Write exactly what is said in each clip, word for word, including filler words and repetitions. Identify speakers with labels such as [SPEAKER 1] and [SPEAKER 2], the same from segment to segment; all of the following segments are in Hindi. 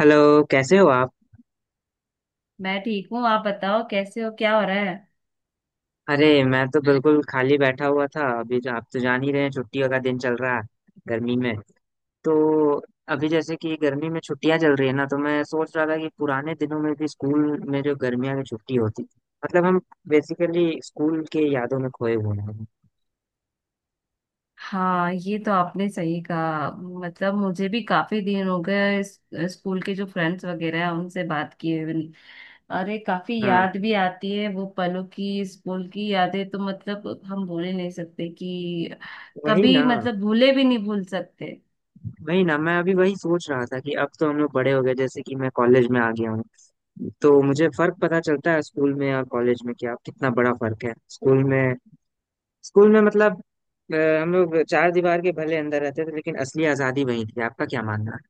[SPEAKER 1] हेलो। कैसे हो आप?
[SPEAKER 2] मैं ठीक हूँ। आप बताओ कैसे हो, क्या हो रहा है?
[SPEAKER 1] अरे मैं तो बिल्कुल खाली बैठा हुआ था। अभी जो आप तो जान ही रहे हैं, छुट्टियों का दिन चल रहा है, गर्मी में। तो अभी जैसे कि गर्मी में छुट्टियां चल रही है ना, तो मैं सोच रहा था कि पुराने दिनों में भी स्कूल में जो गर्मियों की छुट्टी होती थी। मतलब हम बेसिकली स्कूल के यादों में खोए हुए हैं।
[SPEAKER 2] हाँ, ये तो आपने सही कहा। मतलब मुझे भी काफी दिन हो गए इस- स्कूल के जो फ्रेंड्स वगैरह हैं उनसे बात किए हुए नहीं। अरे काफी
[SPEAKER 1] हाँ,
[SPEAKER 2] याद भी आती है वो पलों की, स्कूल की यादें तो मतलब हम भूल ही नहीं सकते कि
[SPEAKER 1] वही
[SPEAKER 2] कभी,
[SPEAKER 1] ना।
[SPEAKER 2] मतलब भूले भी नहीं, भूल सकते।
[SPEAKER 1] वही ना, मैं अभी वही सोच रहा था कि अब तो हम लोग बड़े हो गए। जैसे कि मैं कॉलेज में आ गया हूँ, तो मुझे फर्क पता चलता है स्कूल में और कॉलेज में कि आप कितना बड़ा फर्क है। स्कूल में, स्कूल में मतलब अ, हम लोग चार दीवार के भले अंदर रहते थे, लेकिन असली आजादी वही थी। आपका क्या मानना है?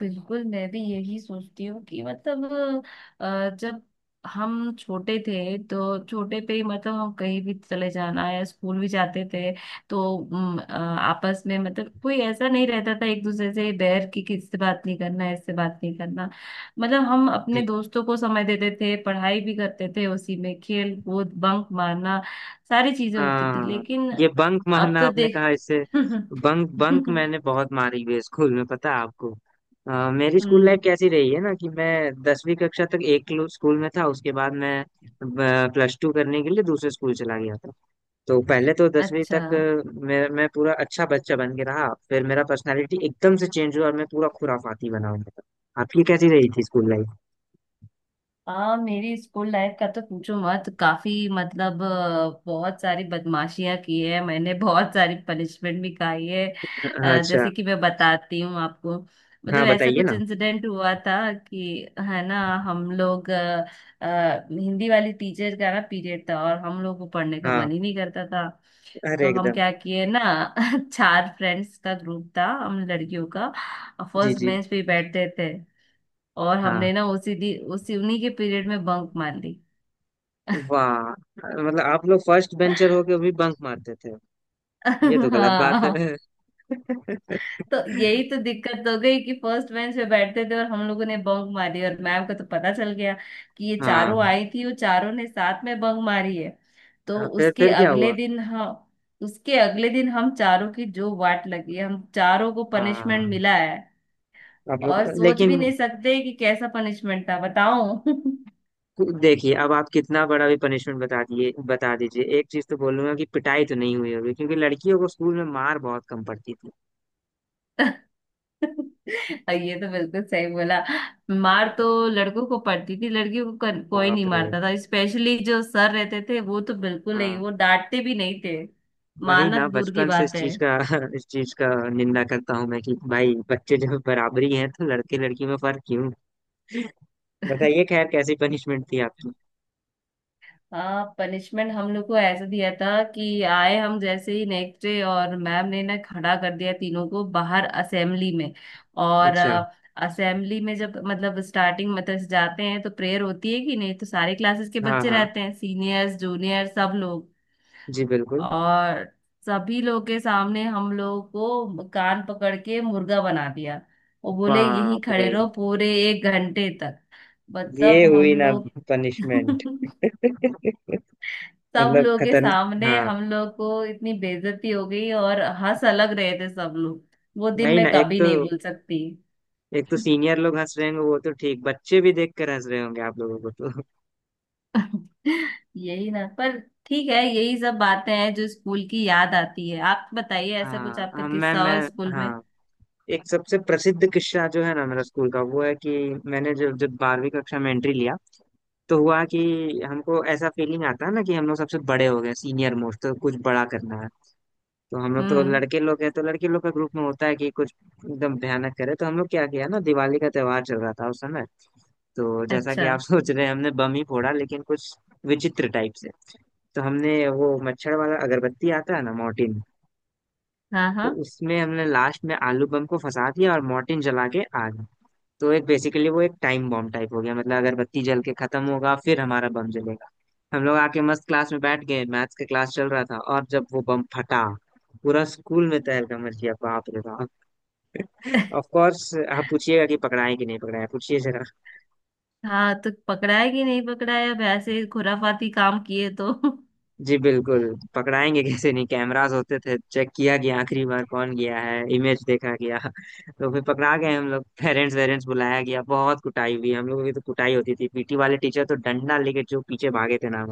[SPEAKER 2] बिल्कुल, मैं भी यही सोचती हूँ कि मतलब अ, जब हम छोटे थे तो छोटे पे ही मतलब हम कहीं भी चले जाना या स्कूल भी जाते थे तो उम, अ, आपस में मतलब कोई ऐसा नहीं रहता था, एक दूसरे से बैर की किससे बात नहीं करना इससे बात नहीं करना। मतलब हम अपने
[SPEAKER 1] जी।
[SPEAKER 2] दोस्तों को समय देते थे, पढ़ाई भी करते थे, उसी में खेल कूद, बंक मारना सारी चीजें होती थी,
[SPEAKER 1] हाँ,
[SPEAKER 2] लेकिन
[SPEAKER 1] ये बंक
[SPEAKER 2] अब
[SPEAKER 1] मारना
[SPEAKER 2] तो
[SPEAKER 1] आपने
[SPEAKER 2] देख।
[SPEAKER 1] कहा, इससे बंक बंक मैंने बहुत मारी हुई है स्कूल में, पता है आपको? अ, मेरी स्कूल
[SPEAKER 2] हम्म।
[SPEAKER 1] लाइफ कैसी रही है ना, कि मैं दसवीं कक्षा तक एक लो- स्कूल में था। उसके बाद मैं प्लस टू करने के लिए दूसरे स्कूल चला गया था। तो पहले तो दसवीं
[SPEAKER 2] अच्छा।
[SPEAKER 1] तक अ, मैं मैं पूरा अच्छा बच्चा बन के रहा, फिर मेरा पर्सनालिटी एकदम से चेंज हुआ और मैं पूरा खुराफाती बना हुआ था। आपकी कैसी रही थी स्कूल?
[SPEAKER 2] हाँ, मेरी स्कूल लाइफ का तो पूछो मत। काफी मतलब अ, बहुत सारी बदमाशियां की है मैंने, बहुत सारी पनिशमेंट भी खाई है।
[SPEAKER 1] हाँ,
[SPEAKER 2] अ,
[SPEAKER 1] अच्छा।
[SPEAKER 2] जैसे कि मैं बताती हूँ आपको,
[SPEAKER 1] हाँ,
[SPEAKER 2] मतलब ऐसा
[SPEAKER 1] बताइए
[SPEAKER 2] कुछ
[SPEAKER 1] ना।
[SPEAKER 2] इंसिडेंट हुआ था कि, है ना। हम लोग अ, अ, हिंदी वाली टीचर का ना पीरियड था, और हम लोग को पढ़ने का
[SPEAKER 1] हाँ,
[SPEAKER 2] मन ही नहीं करता था।
[SPEAKER 1] अरे
[SPEAKER 2] तो हम
[SPEAKER 1] एकदम।
[SPEAKER 2] क्या किए ना। चार फ्रेंड्स का ग्रुप था हम लड़कियों का।
[SPEAKER 1] जी
[SPEAKER 2] फर्स्ट
[SPEAKER 1] जी।
[SPEAKER 2] बेंच पे ही बैठते थे, और
[SPEAKER 1] हाँ,
[SPEAKER 2] हमने ना उसी दी उसी उन्हीं के पीरियड में बंक मार ली।
[SPEAKER 1] वाह। मतलब आप लोग फर्स्ट बेंचर होके भी बंक मारते थे? ये तो गलत बात
[SPEAKER 2] हाँ।
[SPEAKER 1] है।
[SPEAKER 2] तो यही तो दिक्कत हो गई कि फर्स्ट बेंच पे बैठते थे और हम लोगों ने बंक मारी, और मैम को तो पता चल गया कि ये
[SPEAKER 1] हाँ।
[SPEAKER 2] चारों आई थी, वो चारों ने साथ में बंक मारी है। तो
[SPEAKER 1] हाँ, फिर
[SPEAKER 2] उसके
[SPEAKER 1] फिर क्या
[SPEAKER 2] अगले
[SPEAKER 1] हुआ?
[SPEAKER 2] दिन हम उसके अगले दिन हम चारों की जो वाट लगी है, हम चारों को
[SPEAKER 1] हाँ,
[SPEAKER 2] पनिशमेंट मिला है।
[SPEAKER 1] आप लोग
[SPEAKER 2] और सोच
[SPEAKER 1] लेकिन।
[SPEAKER 2] भी नहीं सकते कि कैसा पनिशमेंट था, बताओ।
[SPEAKER 1] देखिए, अब आप कितना बड़ा भी पनिशमेंट बता दिए बता दीजिए। एक चीज तो बोलूंगा कि पिटाई तो नहीं हुई होगी, क्योंकि लड़कियों को स्कूल में मार बहुत कम पड़ती थी।
[SPEAKER 2] और ये तो बिल्कुल सही बोला। मार
[SPEAKER 1] हाँ।
[SPEAKER 2] तो लड़कों को पड़ती थी, लड़कियों को कर, कोई नहीं
[SPEAKER 1] बाप रे।
[SPEAKER 2] मारता था। स्पेशली जो सर रहते थे वो तो बिल्कुल नहीं,
[SPEAKER 1] हाँ,
[SPEAKER 2] वो डांटते भी नहीं थे।
[SPEAKER 1] वही
[SPEAKER 2] मारना
[SPEAKER 1] ना,
[SPEAKER 2] तो दूर की
[SPEAKER 1] बचपन से
[SPEAKER 2] बात
[SPEAKER 1] इस
[SPEAKER 2] है।
[SPEAKER 1] चीज का इस चीज का निंदा करता हूँ मैं कि भाई बच्चे जब बराबरी हैं तो लड़के लड़की में फर्क क्यों? बताइए, खैर कैसी पनिशमेंट थी आपकी?
[SPEAKER 2] हाँ, पनिशमेंट हम लोग को ऐसा दिया था कि आए हम जैसे ही नेक्स्ट डे, और मैम ने ना खड़ा कर दिया तीनों को बाहर असेंबली में। और
[SPEAKER 1] अच्छा।
[SPEAKER 2] असेंबली में जब मतलब स्टार्टिंग मतलब जाते हैं तो प्रेयर होती है कि नहीं, तो सारे क्लासेस के
[SPEAKER 1] हाँ
[SPEAKER 2] बच्चे
[SPEAKER 1] हाँ।
[SPEAKER 2] रहते हैं, सीनियर्स जूनियर सब लोग।
[SPEAKER 1] जी बिल्कुल।
[SPEAKER 2] और सभी लोग के सामने हम लोग को कान पकड़ के मुर्गा बना दिया। वो बोले यहीं
[SPEAKER 1] बाप रे,
[SPEAKER 2] खड़े रहो पूरे एक घंटे तक।
[SPEAKER 1] ये
[SPEAKER 2] मतलब हम
[SPEAKER 1] हुई ना
[SPEAKER 2] लोग।
[SPEAKER 1] पनिशमेंट।
[SPEAKER 2] सब
[SPEAKER 1] मतलब
[SPEAKER 2] लोग के
[SPEAKER 1] खतरन।
[SPEAKER 2] सामने
[SPEAKER 1] हाँ,
[SPEAKER 2] हम लोग को इतनी बेइज्जती हो गई, और हंस अलग रहे थे सब लोग। वो दिन
[SPEAKER 1] वही
[SPEAKER 2] मैं
[SPEAKER 1] ना, एक
[SPEAKER 2] कभी
[SPEAKER 1] तो,
[SPEAKER 2] नहीं भूल सकती।
[SPEAKER 1] एक तो सीनियर लोग हंस रहे होंगे, वो तो ठीक, बच्चे भी देख कर हंस रहे होंगे आप लोगों को तो।
[SPEAKER 2] यही ना। पर ठीक है, यही सब बातें हैं जो स्कूल की याद आती है। आप बताइए ऐसा कुछ
[SPEAKER 1] हाँ
[SPEAKER 2] आपका
[SPEAKER 1] हाँ, मैं
[SPEAKER 2] किस्सा
[SPEAKER 1] मैं
[SPEAKER 2] हो स्कूल में।
[SPEAKER 1] हाँ, एक सबसे प्रसिद्ध किस्सा जो है ना मेरा स्कूल का, वो है कि मैंने जब जब बारहवीं कक्षा में एंट्री लिया, तो हुआ कि हमको ऐसा फीलिंग आता है ना कि हम लोग सबसे बड़े हो गए, सीनियर मोस्ट, तो कुछ बड़ा करना है। तो हम लोग तो
[SPEAKER 2] हम्म।
[SPEAKER 1] लड़के लोग हैं, तो लड़के लोग का ग्रुप में होता है कि कुछ एकदम भयानक करे। तो हम लोग क्या किया ना, दिवाली का त्योहार चल रहा था उस समय। तो जैसा कि
[SPEAKER 2] अच्छा।
[SPEAKER 1] आप सोच रहे हैं, हमने बम ही फोड़ा, लेकिन कुछ विचित्र टाइप से। तो हमने वो मच्छर वाला अगरबत्ती आता है ना, मोर्टिन,
[SPEAKER 2] हाँ
[SPEAKER 1] तो
[SPEAKER 2] हाँ।
[SPEAKER 1] उसमें हमने लास्ट में आलू बम को फंसा दिया और मोर्टिन जला के आग। तो एक बेसिकली वो एक टाइम बॉम्ब टाइप हो गया, मतलब अगरबत्ती जल के खत्म होगा फिर हमारा बम जलेगा। हम लोग आके मस्त क्लास में बैठ गए, मैथ्स का क्लास चल रहा था, और जब वो बम फटा, पूरा स्कूल में तहलका मच गया, बाप रे बाप। Of course. आप पूछिएगा कि पकड़ाएं कि नहीं पकड़ाएं, पूछिए जरा।
[SPEAKER 2] हाँ तो पकड़ा है कि नहीं पकड़ा है? अब ऐसे खुराफाती काम किए तो।
[SPEAKER 1] जी बिल्कुल। पकड़ाएंगे कैसे नहीं, कैमरास होते थे, चेक किया गया आखिरी बार कौन गया है, इमेज देखा गया, तो फिर पकड़ा गए हम लोग। पेरेंट्स वेरेंट्स बुलाया गया, बहुत कुटाई हुई हम लोगों की। तो कुटाई होती थी, पीटी वाले टीचर तो डंडा लेके जो पीछे भागे थे ना।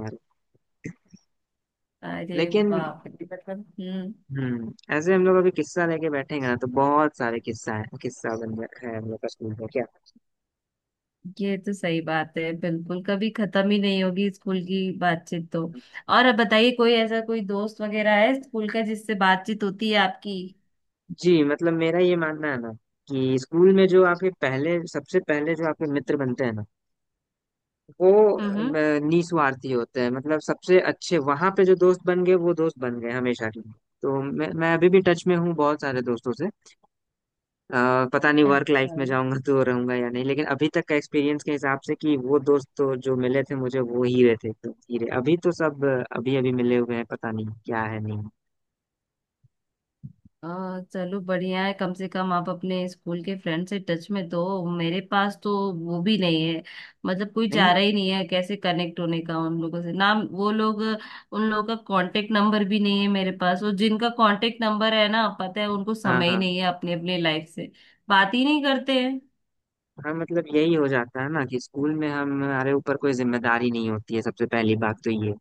[SPEAKER 2] अरे
[SPEAKER 1] लेकिन
[SPEAKER 2] बाप रे। मतलब हम्म।
[SPEAKER 1] हम्म, ऐसे हम लोग अभी किस्सा लेके बैठेंगे ना, तो बहुत सारे किस्सा है, किस्सा बन गया है हम लोग का स्कूल में क्या।
[SPEAKER 2] ये तो सही बात है बिल्कुल, कभी खत्म ही नहीं होगी स्कूल की बातचीत तो। और अब बताइए कोई ऐसा कोई दोस्त वगैरह है स्कूल का जिससे बातचीत होती है आपकी?
[SPEAKER 1] जी, मतलब मेरा ये मानना है ना कि स्कूल में जो आपके पहले, सबसे पहले जो आपके मित्र बनते हैं ना, वो
[SPEAKER 2] हम्म हम्म।
[SPEAKER 1] अम, निस्वार्थी होते हैं। मतलब सबसे अच्छे वहां पे जो दोस्त बन गए वो दोस्त बन गए हमेशा के लिए। तो मैं मैं अभी भी टच में हूँ बहुत सारे दोस्तों से। अ, पता नहीं वर्क लाइफ
[SPEAKER 2] अच्छा।
[SPEAKER 1] में जाऊंगा तो रहूंगा या नहीं, लेकिन अभी तक का एक्सपीरियंस के हिसाब से कि वो दोस्त तो जो मिले थे मुझे, वो ही रहे थे, तो हीरे अभी तो सब अभी अभी मिले हुए हैं, पता नहीं क्या है। नहीं,
[SPEAKER 2] आ, चलो बढ़िया है, कम से कम आप अपने स्कूल के फ्रेंड से टच में तो। मेरे पास तो वो भी नहीं है। मतलब कोई
[SPEAKER 1] नहीं
[SPEAKER 2] चारा
[SPEAKER 1] है।
[SPEAKER 2] ही नहीं है कैसे कनेक्ट होने का उन लोगों से ना। वो लोग उन लोगों का कांटेक्ट नंबर भी नहीं है मेरे पास, और जिनका कांटेक्ट नंबर है ना, पता है उनको
[SPEAKER 1] हाँ
[SPEAKER 2] समय ही
[SPEAKER 1] हाँ।
[SPEAKER 2] नहीं है अपने अपने लाइफ से। बात ही नहीं करते हैं।
[SPEAKER 1] हाँ, मतलब यही हो जाता है ना कि स्कूल में हमारे ऊपर कोई जिम्मेदारी नहीं होती है, सबसे पहली बात तो ये।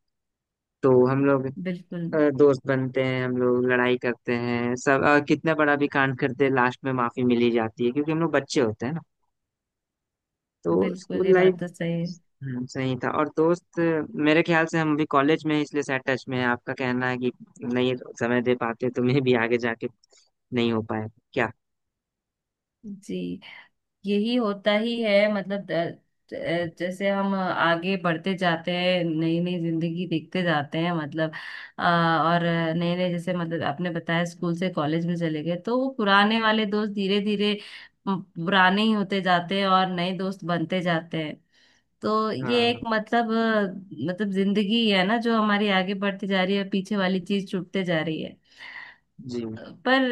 [SPEAKER 1] तो हम लोग
[SPEAKER 2] बिल्कुल।
[SPEAKER 1] अ, दोस्त बनते हैं, हम लोग लड़ाई करते हैं, सब अ, कितना बड़ा भी कांड करते हैं, लास्ट में माफी मिली जाती है क्योंकि हम लोग बच्चे होते हैं। तो
[SPEAKER 2] बिल्कुल
[SPEAKER 1] स्कूल
[SPEAKER 2] ये
[SPEAKER 1] लाइफ
[SPEAKER 2] बात तो सही है।
[SPEAKER 1] हम्म, सही था। और दोस्त, मेरे ख्याल से हम अभी कॉलेज में हैं, इसलिए शायद टच में है। आपका कहना है कि नहीं समय दे पाते, तो मैं भी आगे जाके नहीं हो पाया क्या।
[SPEAKER 2] जी, यही होता ही है। मतलब द- ज- जैसे हम आगे बढ़ते जाते हैं, नई नई जिंदगी देखते जाते हैं, मतलब अ, और नए नए जैसे, मतलब आपने बताया स्कूल से कॉलेज में चले गए, तो वो पुराने वाले दोस्त धीरे धीरे पुराने ही होते जाते हैं और नए दोस्त बनते जाते हैं। तो ये एक
[SPEAKER 1] हाँ।
[SPEAKER 2] मतलब अ, मतलब जिंदगी है ना, जो हमारी आगे बढ़ती जा रही है, पीछे वाली चीज छूटते जा रही है।
[SPEAKER 1] जी।
[SPEAKER 2] पर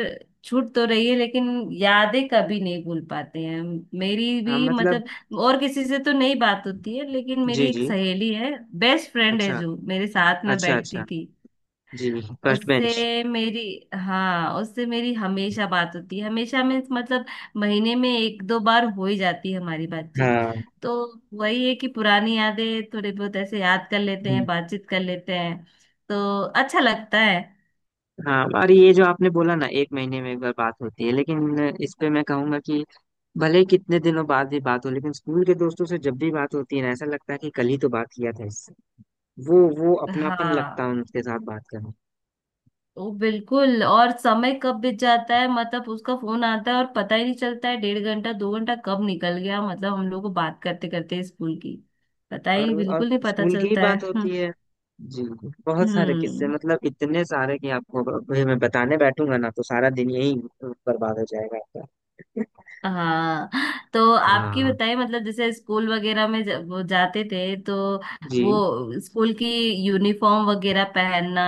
[SPEAKER 2] छूट तो रही है लेकिन यादें कभी नहीं भूल पाते हैं। मेरी
[SPEAKER 1] हाँ,
[SPEAKER 2] भी
[SPEAKER 1] मतलब।
[SPEAKER 2] मतलब और किसी से तो नहीं बात होती है, लेकिन मेरी
[SPEAKER 1] जी
[SPEAKER 2] एक
[SPEAKER 1] जी।
[SPEAKER 2] सहेली है, बेस्ट फ्रेंड है
[SPEAKER 1] अच्छा,
[SPEAKER 2] जो मेरे साथ में
[SPEAKER 1] अच्छा
[SPEAKER 2] बैठती
[SPEAKER 1] अच्छा।
[SPEAKER 2] थी।
[SPEAKER 1] जी। First bench.
[SPEAKER 2] उससे मेरी हाँ, उससे मेरी हमेशा बात होती है। हमेशा मीन्स मतलब महीने में एक दो बार हो ही जाती है हमारी बातचीत।
[SPEAKER 1] हाँ।
[SPEAKER 2] तो वही है कि पुरानी यादें थोड़े बहुत ऐसे याद कर लेते
[SPEAKER 1] हम्म।
[SPEAKER 2] हैं, बातचीत कर लेते हैं, तो अच्छा लगता है।
[SPEAKER 1] हाँ, और ये जो आपने बोला ना एक महीने में एक बार बात होती है, लेकिन इस पे मैं कहूंगा कि भले ही कितने दिनों बाद भी बात हो, लेकिन स्कूल के दोस्तों से जब भी बात होती है ना, ऐसा लगता है कि कल ही तो बात किया था इससे। वो वो अपनापन लगता है
[SPEAKER 2] हाँ,
[SPEAKER 1] उनके साथ बात करने।
[SPEAKER 2] ओ बिल्कुल। और समय कब बीत जाता है मतलब उसका फोन आता है और पता ही नहीं चलता है, डेढ़ घंटा दो घंटा कब निकल गया, मतलब हम लोग को बात करते करते स्कूल की। पता ही
[SPEAKER 1] और
[SPEAKER 2] नहीं,
[SPEAKER 1] और
[SPEAKER 2] बिल्कुल नहीं पता
[SPEAKER 1] स्कूल की ही
[SPEAKER 2] चलता है।
[SPEAKER 1] बात
[SPEAKER 2] हम्म।
[SPEAKER 1] होती है। जी, बहुत सारे किस्से,
[SPEAKER 2] हम्म,
[SPEAKER 1] मतलब इतने सारे कि आपको अगर मैं बताने बैठूंगा ना तो सारा दिन यही बर्बाद हो जाएगा आपका।
[SPEAKER 2] हाँ, तो आपकी
[SPEAKER 1] हाँ।
[SPEAKER 2] बताइए मतलब जैसे स्कूल वगैरह में जब वो जाते थे तो
[SPEAKER 1] जी।
[SPEAKER 2] वो स्कूल की यूनिफॉर्म वगैरह पहनना,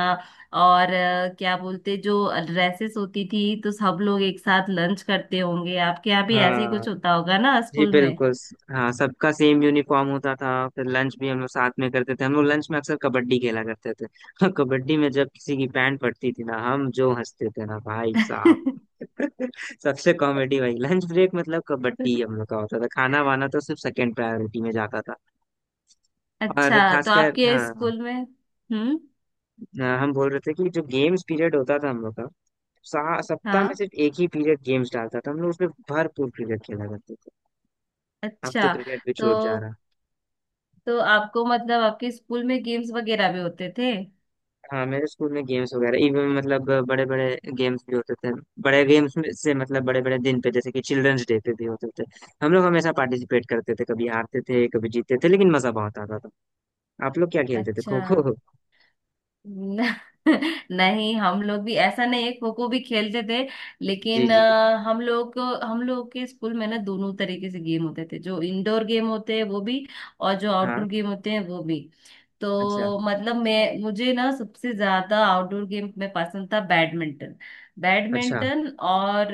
[SPEAKER 2] और अ, क्या बोलते जो ड्रेसेस होती थी, तो सब लोग एक साथ लंच करते होंगे, आपके यहाँ भी ऐसे ही
[SPEAKER 1] हाँ।
[SPEAKER 2] कुछ होता होगा ना
[SPEAKER 1] जी
[SPEAKER 2] स्कूल में?
[SPEAKER 1] बिल्कुल। हाँ, सबका सेम यूनिफॉर्म होता था। फिर लंच भी हम लोग साथ में करते थे, हम लोग लंच में अक्सर कबड्डी खेला करते थे, और कबड्डी में जब किसी की पैंट पड़ती थी ना, हम जो हंसते थे ना भाई साहब, सबसे कॉमेडी भाई लंच ब्रेक, मतलब कबड्डी हम लोग का होता था, खाना वाना तो सिर्फ सेकंड प्रायोरिटी में जाता था। और
[SPEAKER 2] अच्छा। तो
[SPEAKER 1] खासकर
[SPEAKER 2] आपके
[SPEAKER 1] हाँ।
[SPEAKER 2] स्कूल में। हम्म।
[SPEAKER 1] हाँ, हम बोल रहे थे कि जो गेम्स पीरियड होता था हम लोग का, सा- सप्ताह में
[SPEAKER 2] हाँ।
[SPEAKER 1] सिर्फ एक ही पीरियड गेम्स डालता था। हम लोग उसमें भरपूर क्रिकेट खेला करते थे। अब तो
[SPEAKER 2] अच्छा।
[SPEAKER 1] क्रिकेट भी छूट जा
[SPEAKER 2] तो
[SPEAKER 1] रहा।
[SPEAKER 2] तो आपको मतलब आपके स्कूल में गेम्स वगैरह भी होते थे?
[SPEAKER 1] हाँ, मेरे स्कूल में गेम्स वगैरह इवन मतलब बड़े बड़े गेम्स भी होते थे। बड़े गेम्स में से मतलब बड़े बड़े दिन पे, जैसे कि चिल्ड्रंस डे पे भी होते थे। हम लोग हमेशा पार्टिसिपेट करते थे, कभी हारते थे कभी जीतते थे, लेकिन मजा बहुत आता था। आप लोग क्या खेलते थे,
[SPEAKER 2] अच्छा।
[SPEAKER 1] खो खो?
[SPEAKER 2] न- नहीं, हम लोग भी ऐसा नहीं है, खो खो भी खेलते थे,
[SPEAKER 1] जी
[SPEAKER 2] लेकिन
[SPEAKER 1] जी।
[SPEAKER 2] अ, हम लोग हम लोग के स्कूल में ना दोनों तरीके से गेम होते थे, जो इंडोर गेम होते हैं वो भी, और जो
[SPEAKER 1] हाँ।
[SPEAKER 2] आउटडोर गेम होते हैं वो भी।
[SPEAKER 1] अच्छा,
[SPEAKER 2] तो मतलब मैं मुझे ना सबसे ज्यादा आउटडोर गेम में पसंद था बैडमिंटन।
[SPEAKER 1] अच्छा।
[SPEAKER 2] बैडमिंटन और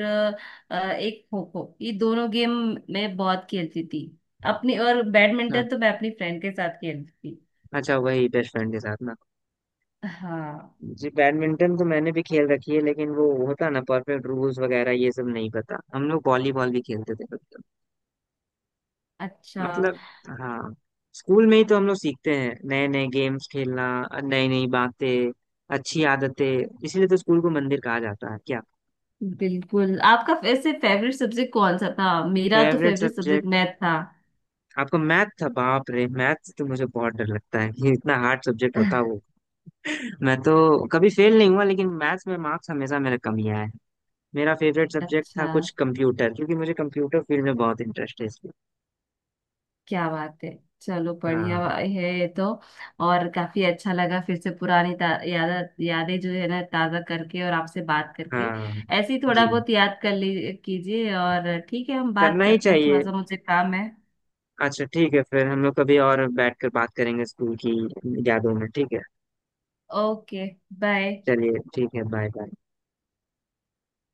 [SPEAKER 2] अ, एक खो खो, ये दोनों गेम मैं बहुत खेलती थी अपनी, और
[SPEAKER 1] हाँ,
[SPEAKER 2] बैडमिंटन तो मैं अपनी फ्रेंड के साथ खेलती थी।
[SPEAKER 1] अच्छा, वही बेस्ट फ्रेंड के साथ ना?
[SPEAKER 2] हाँ।
[SPEAKER 1] जी, बैडमिंटन तो मैंने भी खेल रखी है, लेकिन वो होता ना परफेक्ट रूल्स वगैरह ये सब नहीं पता। हम लोग वॉलीबॉल भी खेलते थे कभी-कभी।
[SPEAKER 2] अच्छा।
[SPEAKER 1] मतलब, हाँ, स्कूल में ही तो हम लोग सीखते हैं नए नए गेम्स खेलना, नई नई बातें, अच्छी आदतें। इसीलिए तो स्कूल को मंदिर कहा जाता है क्या।
[SPEAKER 2] बिल्कुल। आपका वैसे फेवरेट सब्जेक्ट कौन सा था? मेरा तो
[SPEAKER 1] favourite
[SPEAKER 2] favourite
[SPEAKER 1] subject
[SPEAKER 2] subject math था।
[SPEAKER 1] आपका मैथ था? बाप रे, मैथ से तो मुझे बहुत डर लगता है, ये इतना हार्ड सब्जेक्ट होता है वो। मैं तो कभी फेल नहीं हुआ, लेकिन मैथ्स में मार्क्स हमेशा मेरा कम ही आया है। मेरा फेवरेट सब्जेक्ट था
[SPEAKER 2] अच्छा।
[SPEAKER 1] कुछ कंप्यूटर, क्योंकि मुझे कंप्यूटर फील्ड में बहुत इंटरेस्ट है इसलिए।
[SPEAKER 2] क्या बात है। चलो बढ़िया
[SPEAKER 1] हाँ।
[SPEAKER 2] बा- है ये तो। और काफी अच्छा लगा फिर से पुरानी ता- याद यादें जो है ना ताजा करके, और आपसे बात करके।
[SPEAKER 1] हाँ।
[SPEAKER 2] ऐसे ही थोड़ा
[SPEAKER 1] जी।
[SPEAKER 2] बहुत याद कर ली कीजिए, और ठीक है हम बात
[SPEAKER 1] करना ही
[SPEAKER 2] करते हैं, थोड़ा
[SPEAKER 1] चाहिए।
[SPEAKER 2] सा मुझे काम है।
[SPEAKER 1] अच्छा ठीक है, फिर हम लोग कभी और बैठ कर बात करेंगे स्कूल की यादों में, ठीक है।
[SPEAKER 2] ओके। बाय।
[SPEAKER 1] चलिए ठीक है, बाय बाय।